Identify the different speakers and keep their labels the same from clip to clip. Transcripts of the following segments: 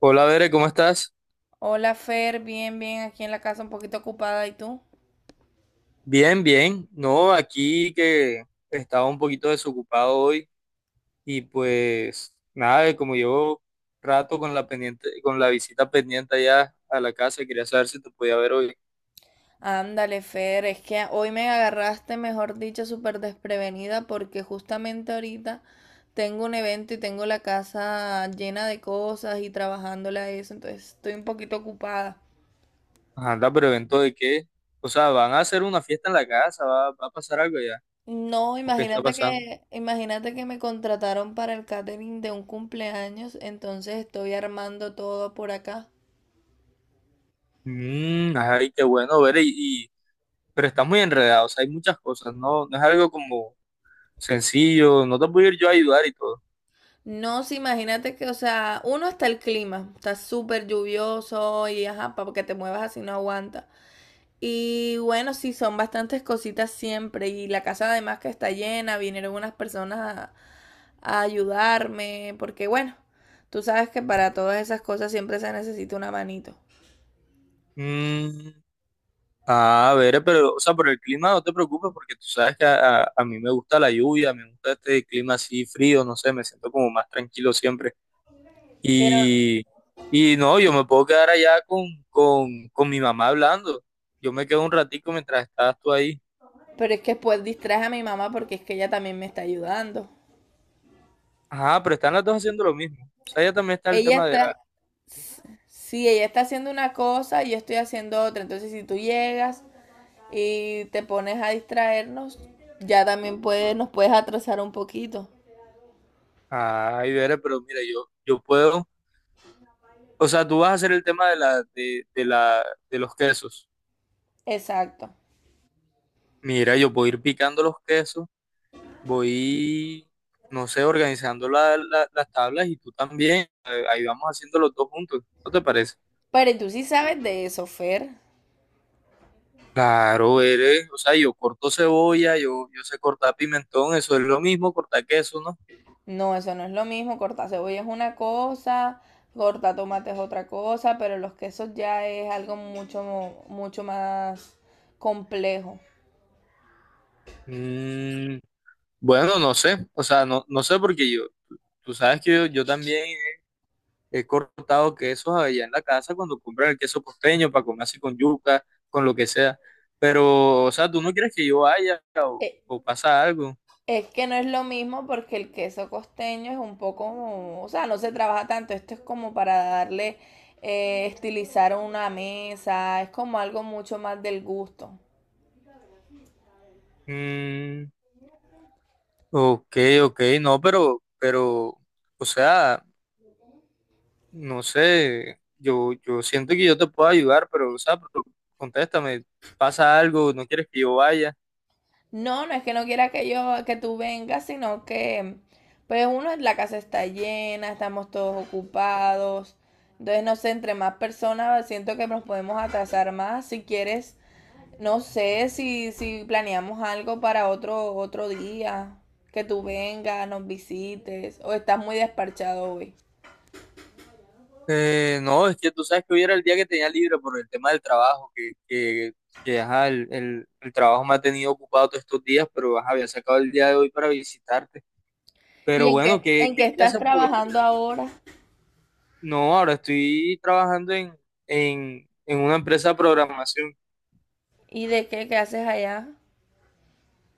Speaker 1: Hola, Bere, ¿cómo estás?
Speaker 2: Hola Fer, bien, bien, aquí en la casa un poquito ocupada, ¿y tú?
Speaker 1: Bien, bien. No, aquí que estaba un poquito desocupado hoy y pues nada, como llevo rato con la visita pendiente allá a la casa, quería saber si te podía ver hoy.
Speaker 2: Ándale Fer, es que hoy me agarraste, mejor dicho, súper desprevenida porque justamente ahorita tengo un evento y tengo la casa llena de cosas y trabajándole a eso, entonces estoy un poquito ocupada.
Speaker 1: Ajá, anda, pero ¿evento de qué? O sea, ¿van a hacer una fiesta en la casa? ¿Va a pasar algo allá?
Speaker 2: No,
Speaker 1: ¿O qué está pasando?
Speaker 2: imagínate que me contrataron para el catering de un cumpleaños, entonces estoy armando todo por acá.
Speaker 1: Ay, qué bueno, Bere, pero estás muy enredado, o sea, hay muchas cosas, no, no es algo como sencillo, no te puedo ir yo a ayudar y todo.
Speaker 2: No, sí, imagínate que, o sea, uno está el clima, está súper lluvioso y ajá, para que te muevas así no aguanta. Y bueno, sí, son bastantes cositas siempre. Y la casa además que está llena, vinieron unas personas a, a ayudarme, porque bueno, tú sabes que para todas esas cosas siempre se necesita una manito.
Speaker 1: Mm, Ah a ver, pero, o sea, por el clima no te preocupes porque tú sabes que a mí me gusta la lluvia, me gusta este clima así frío, no sé, me siento como más tranquilo siempre.
Speaker 2: Pero
Speaker 1: Y, y no, yo me puedo quedar allá con mi mamá hablando. Yo me quedo un ratico mientras estás tú ahí.
Speaker 2: Pero es que después distraje a mi mamá porque es que ella también me está ayudando.
Speaker 1: Ajá, pero están las dos haciendo lo mismo. O sea, ya también está el
Speaker 2: Ella
Speaker 1: tema de la.
Speaker 2: está, sí, ella está haciendo una cosa y yo estoy haciendo otra. Entonces, si tú llegas y te pones a distraernos, ya también puedes nos puedes atrasar un poquito.
Speaker 1: Ay, Vera, pero mira, yo puedo. O sea, tú vas a hacer el tema de los quesos.
Speaker 2: Exacto.
Speaker 1: Mira, yo puedo ir picando los quesos. Voy, no sé, organizando las tablas y tú también. Ahí vamos haciendo los dos juntos. ¿No te parece?
Speaker 2: Pero tú sí sabes de eso, Fer.
Speaker 1: Claro, o sea, yo corto cebolla, yo sé cortar pimentón, eso es lo mismo, cortar queso, ¿no?
Speaker 2: No, eso no es lo mismo. Cortar cebolla es una cosa, cortar tomate es otra cosa, pero los quesos ya es algo mucho, mucho más complejo.
Speaker 1: Mm, bueno, no sé, o sea, no, no sé porque tú sabes que yo también he cortado quesos allá en la casa cuando compran el queso costeño para comer así con yuca, con lo que sea, pero, o sea, tú no quieres que yo vaya o,
Speaker 2: Eh,
Speaker 1: o pasa algo.
Speaker 2: Es que no es lo mismo porque el queso costeño es un poco, o sea, no se trabaja tanto. Esto es como para darle, estilizar una mesa, es como algo mucho más del gusto.
Speaker 1: Mm, Ok, ok, no, pero, o sea, no sé, yo siento que yo te puedo ayudar, pero, o sea, pero contéstame, ¿pasa algo?, ¿no quieres que yo vaya?
Speaker 2: No, no es que no quiera que yo, que tú vengas, sino que, pues uno, la casa está llena, estamos todos ocupados. Entonces, no sé, entre más personas siento que nos podemos atrasar más. Si quieres, no sé si planeamos algo para otro día, que tú vengas, nos visites, o estás muy despachado hoy.
Speaker 1: No, es que tú sabes que hoy era el día que tenía libre por el tema del trabajo, que ajá, el trabajo me ha tenido ocupado todos estos días, pero ajá, había sacado el día de hoy para visitarte.
Speaker 2: ¿Y
Speaker 1: Pero
Speaker 2: en
Speaker 1: bueno,
Speaker 2: qué,
Speaker 1: que,
Speaker 2: en
Speaker 1: que
Speaker 2: qué
Speaker 1: ya
Speaker 2: estás
Speaker 1: se podría.
Speaker 2: trabajando ahora?
Speaker 1: No, ahora estoy trabajando en una empresa de programación.
Speaker 2: ¿Y de qué, qué haces allá?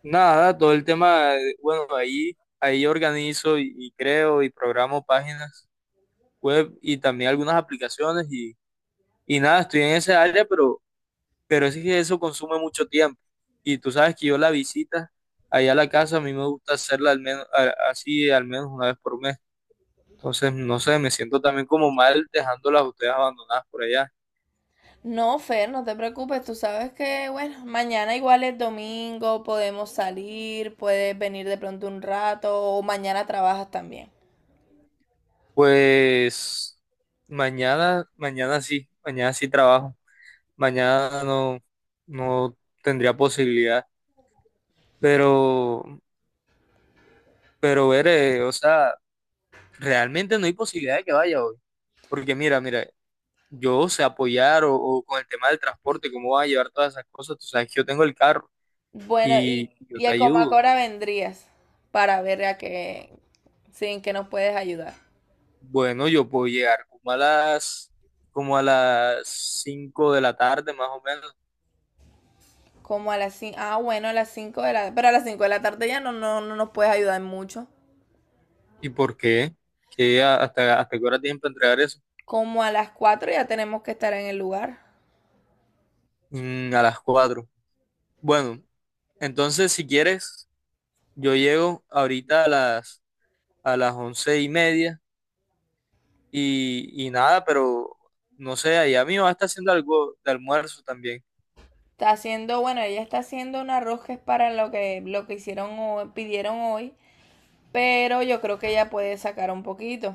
Speaker 1: Nada, todo el tema, bueno, ahí organizo y creo y programo páginas web y también algunas aplicaciones y nada, estoy en esa área, pero es que eso consume mucho tiempo. Y tú sabes que yo la visita allá a la casa, a mí me gusta hacerla al menos, así al menos una vez por mes. Entonces, no sé, me siento también como mal dejándolas a ustedes abandonadas por allá.
Speaker 2: No, Fer, no te preocupes, tú sabes que, bueno, mañana igual es domingo, podemos salir, puedes venir de pronto un rato, o mañana trabajas también.
Speaker 1: Pues mañana, mañana sí trabajo. Mañana no, no tendría posibilidad, pero, pero veré, o sea, realmente no hay posibilidad de que vaya hoy, porque mira, mira, yo sé apoyar o con el tema del transporte, cómo vas a llevar todas esas cosas, tú sabes que yo tengo el carro
Speaker 2: Bueno,
Speaker 1: y yo
Speaker 2: y
Speaker 1: te
Speaker 2: a
Speaker 1: ayudo.
Speaker 2: Comacora vendrías para ver a qué, sí, en qué nos puedes ayudar.
Speaker 1: Bueno, yo puedo llegar como a las 5 de la tarde más o menos.
Speaker 2: Como a las 5, ah, bueno, a las 5 de la. Pero a las 5 de la tarde ya no, no, no nos puedes ayudar mucho.
Speaker 1: ¿Y por qué? ¿Qué hasta, qué hora tienen para entregar eso?
Speaker 2: Como a las cuatro ya tenemos que estar en el lugar.
Speaker 1: A las 4. Bueno, entonces si quieres. Yo llego ahorita a las 11:30 y nada, pero no sé, allá mi mamá está haciendo algo de almuerzo también.
Speaker 2: Está haciendo, bueno, ella está haciendo un arroz que es para lo que hicieron hoy, pidieron hoy. Pero yo creo que ella puede sacar un poquito.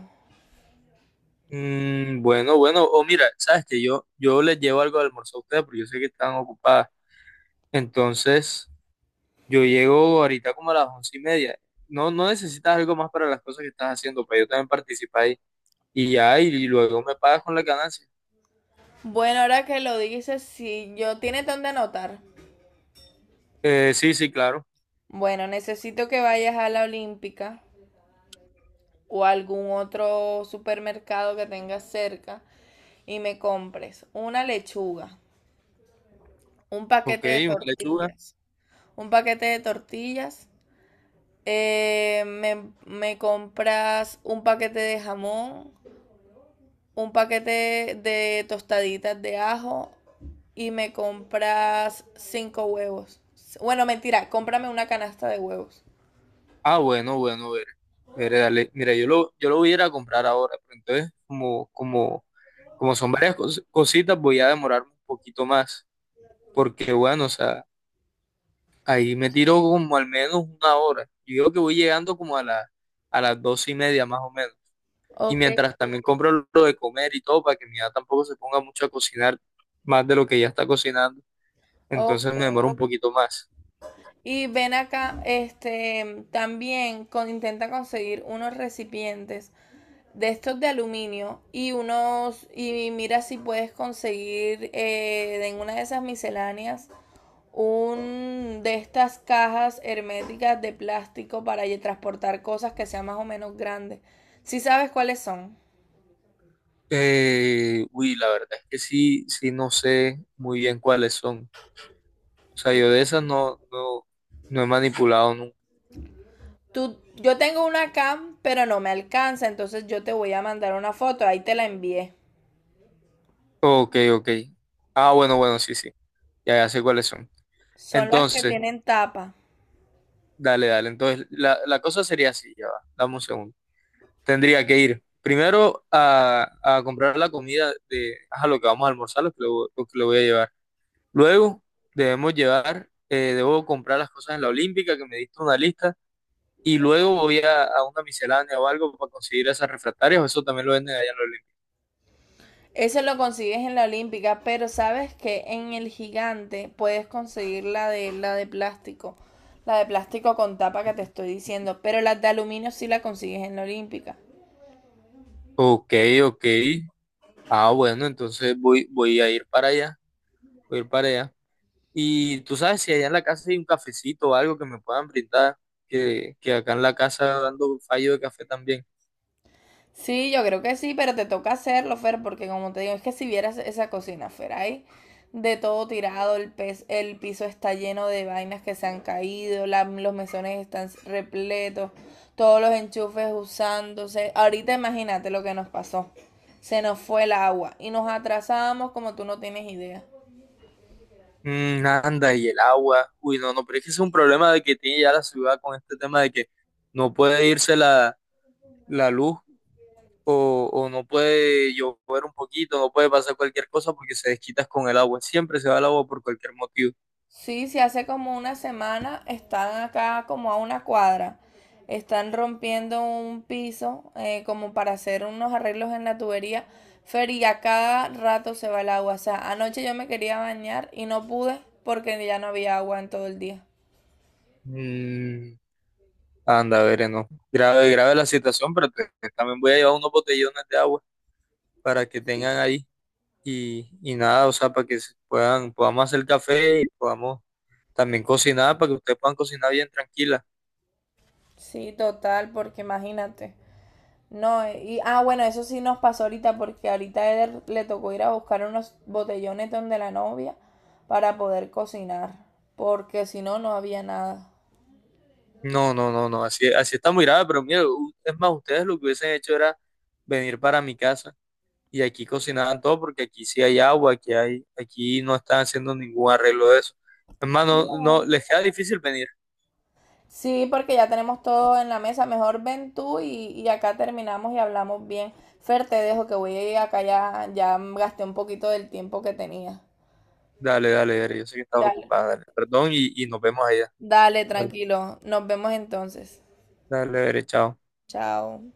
Speaker 1: Bueno, bueno, o mira, sabes que yo les llevo algo de almuerzo a ustedes porque yo sé que están ocupadas. Entonces, yo llego ahorita como a las 11:30. No, no necesitas algo más para las cosas que estás haciendo, pero yo también participo ahí. Y ya, luego me pagas con la ganancia.
Speaker 2: Bueno, ahora que lo dices, si yo tiene donde anotar.
Speaker 1: Sí, sí, claro.
Speaker 2: Bueno, necesito que vayas a la Olímpica o a algún otro supermercado que tengas cerca y me compres una lechuga, un
Speaker 1: Ok,
Speaker 2: paquete de
Speaker 1: una lechuga.
Speaker 2: tortillas. Un paquete de tortillas. Me compras un paquete de jamón, un paquete de tostaditas de ajo y me compras cinco huevos. Bueno, mentira, cómprame una canasta de huevos.
Speaker 1: Ah, bueno, bueno, ver, ver, dale. Mira, yo lo voy a ir a comprar ahora, pero entonces, como son varias cositas, voy a demorarme un poquito más, porque bueno, o sea, ahí me tiro como al menos una hora. Yo digo que voy llegando a las 2:30 más o menos. Y
Speaker 2: Ok,
Speaker 1: mientras también compro lo de comer y todo, para que mi hija tampoco se ponga mucho a cocinar más de lo que ya está cocinando, entonces
Speaker 2: ok.
Speaker 1: me demoro un poquito más.
Speaker 2: Y ven acá, este, también con- intenta conseguir unos recipientes de estos de aluminio y unos y mira si puedes conseguir en una de esas misceláneas un de estas cajas herméticas de plástico para transportar cosas que sean más o menos grandes. Si sabes cuáles son.
Speaker 1: Uy, la verdad es que sí, sí, no sé muy bien cuáles son. O sea, yo de esas no, no, no he manipulado nunca.
Speaker 2: Tú, yo tengo una cam, pero no me alcanza, entonces yo te voy a mandar una foto, ahí te la envié.
Speaker 1: Ok, ok. Ah, bueno, bueno, sí, sí. Ya, ya sé cuáles son.
Speaker 2: Son las que
Speaker 1: Entonces,
Speaker 2: tienen tapa.
Speaker 1: dale, dale. Entonces, la cosa sería así, ya va. Dame un segundo. Tendría que ir primero a comprar la comida de ajá, lo que vamos a almorzar, lo que le voy a llevar. Luego, debo comprar las cosas en la Olímpica, que me diste una lista. Y luego voy a una miscelánea o algo para conseguir esas refractarias, o eso también lo venden allá en la Olímpica.
Speaker 2: Eso lo consigues en la Olímpica, pero sabes que en el Gigante puedes conseguir la de plástico, la de plástico con tapa que te estoy diciendo, pero la de aluminio sí la consigues en la Olímpica.
Speaker 1: Ok, ok. Ah, bueno, entonces voy a ir para allá, voy a ir para allá. Y tú sabes si allá en la casa hay un cafecito o algo que me puedan brindar, que acá en la casa dando fallo de café también.
Speaker 2: Sí, yo creo que sí, pero te toca hacerlo, Fer, porque como te digo, es que si vieras esa cocina, Fer, ahí de todo tirado, el, pez, el piso está lleno de vainas que se han caído, la- los mesones están repletos, todos los enchufes usándose. Ahorita imagínate lo que nos pasó. Se nos fue el agua y nos atrasamos como tú no tienes idea.
Speaker 1: Mm, anda, y el agua. Uy, no, no, pero es que ese es un problema de que tiene ya la ciudad con este tema de que no puede irse la luz o no puede llover un poquito, no puede pasar cualquier cosa porque se desquitas con el agua. Siempre se va el agua por cualquier motivo.
Speaker 2: Sí, si hace como una semana están acá como a una cuadra. Están rompiendo un piso como para hacer unos arreglos en la tubería. Fer, y a cada rato se va el agua. O sea, anoche yo me quería bañar y no pude porque ya no había agua en todo el día.
Speaker 1: Mm, anda, veré, no. Grave, grave la situación, pero también voy a llevar unos botellones de agua para que tengan
Speaker 2: Sí.
Speaker 1: ahí y nada, o sea, para que podamos hacer café y podamos también cocinar, para que ustedes puedan cocinar bien tranquila.
Speaker 2: Sí, total, porque imagínate. No, y bueno, eso sí nos pasó ahorita porque ahorita a Eder le tocó ir a buscar unos botellones donde la novia para poder cocinar, porque si no, no había nada.
Speaker 1: No, no, no, no, así, así está muy grave, pero mira, es más, ustedes lo que hubiesen hecho era venir para mi casa y aquí cocinaban todo porque aquí sí hay agua, aquí no están haciendo ningún arreglo de eso. Es más, no, no, les queda difícil venir.
Speaker 2: Sí, porque ya tenemos todo en la mesa. Mejor ven tú y acá terminamos y hablamos bien. Fer, te dejo que voy a ir acá ya, ya gasté un poquito del tiempo que tenía.
Speaker 1: Dale, dale, dale, yo sé que estás
Speaker 2: Dale.
Speaker 1: ocupada, dale, perdón y nos vemos allá.
Speaker 2: Dale,
Speaker 1: Dale,
Speaker 2: tranquilo. Nos vemos entonces.
Speaker 1: dale, dale, chao.
Speaker 2: Chao.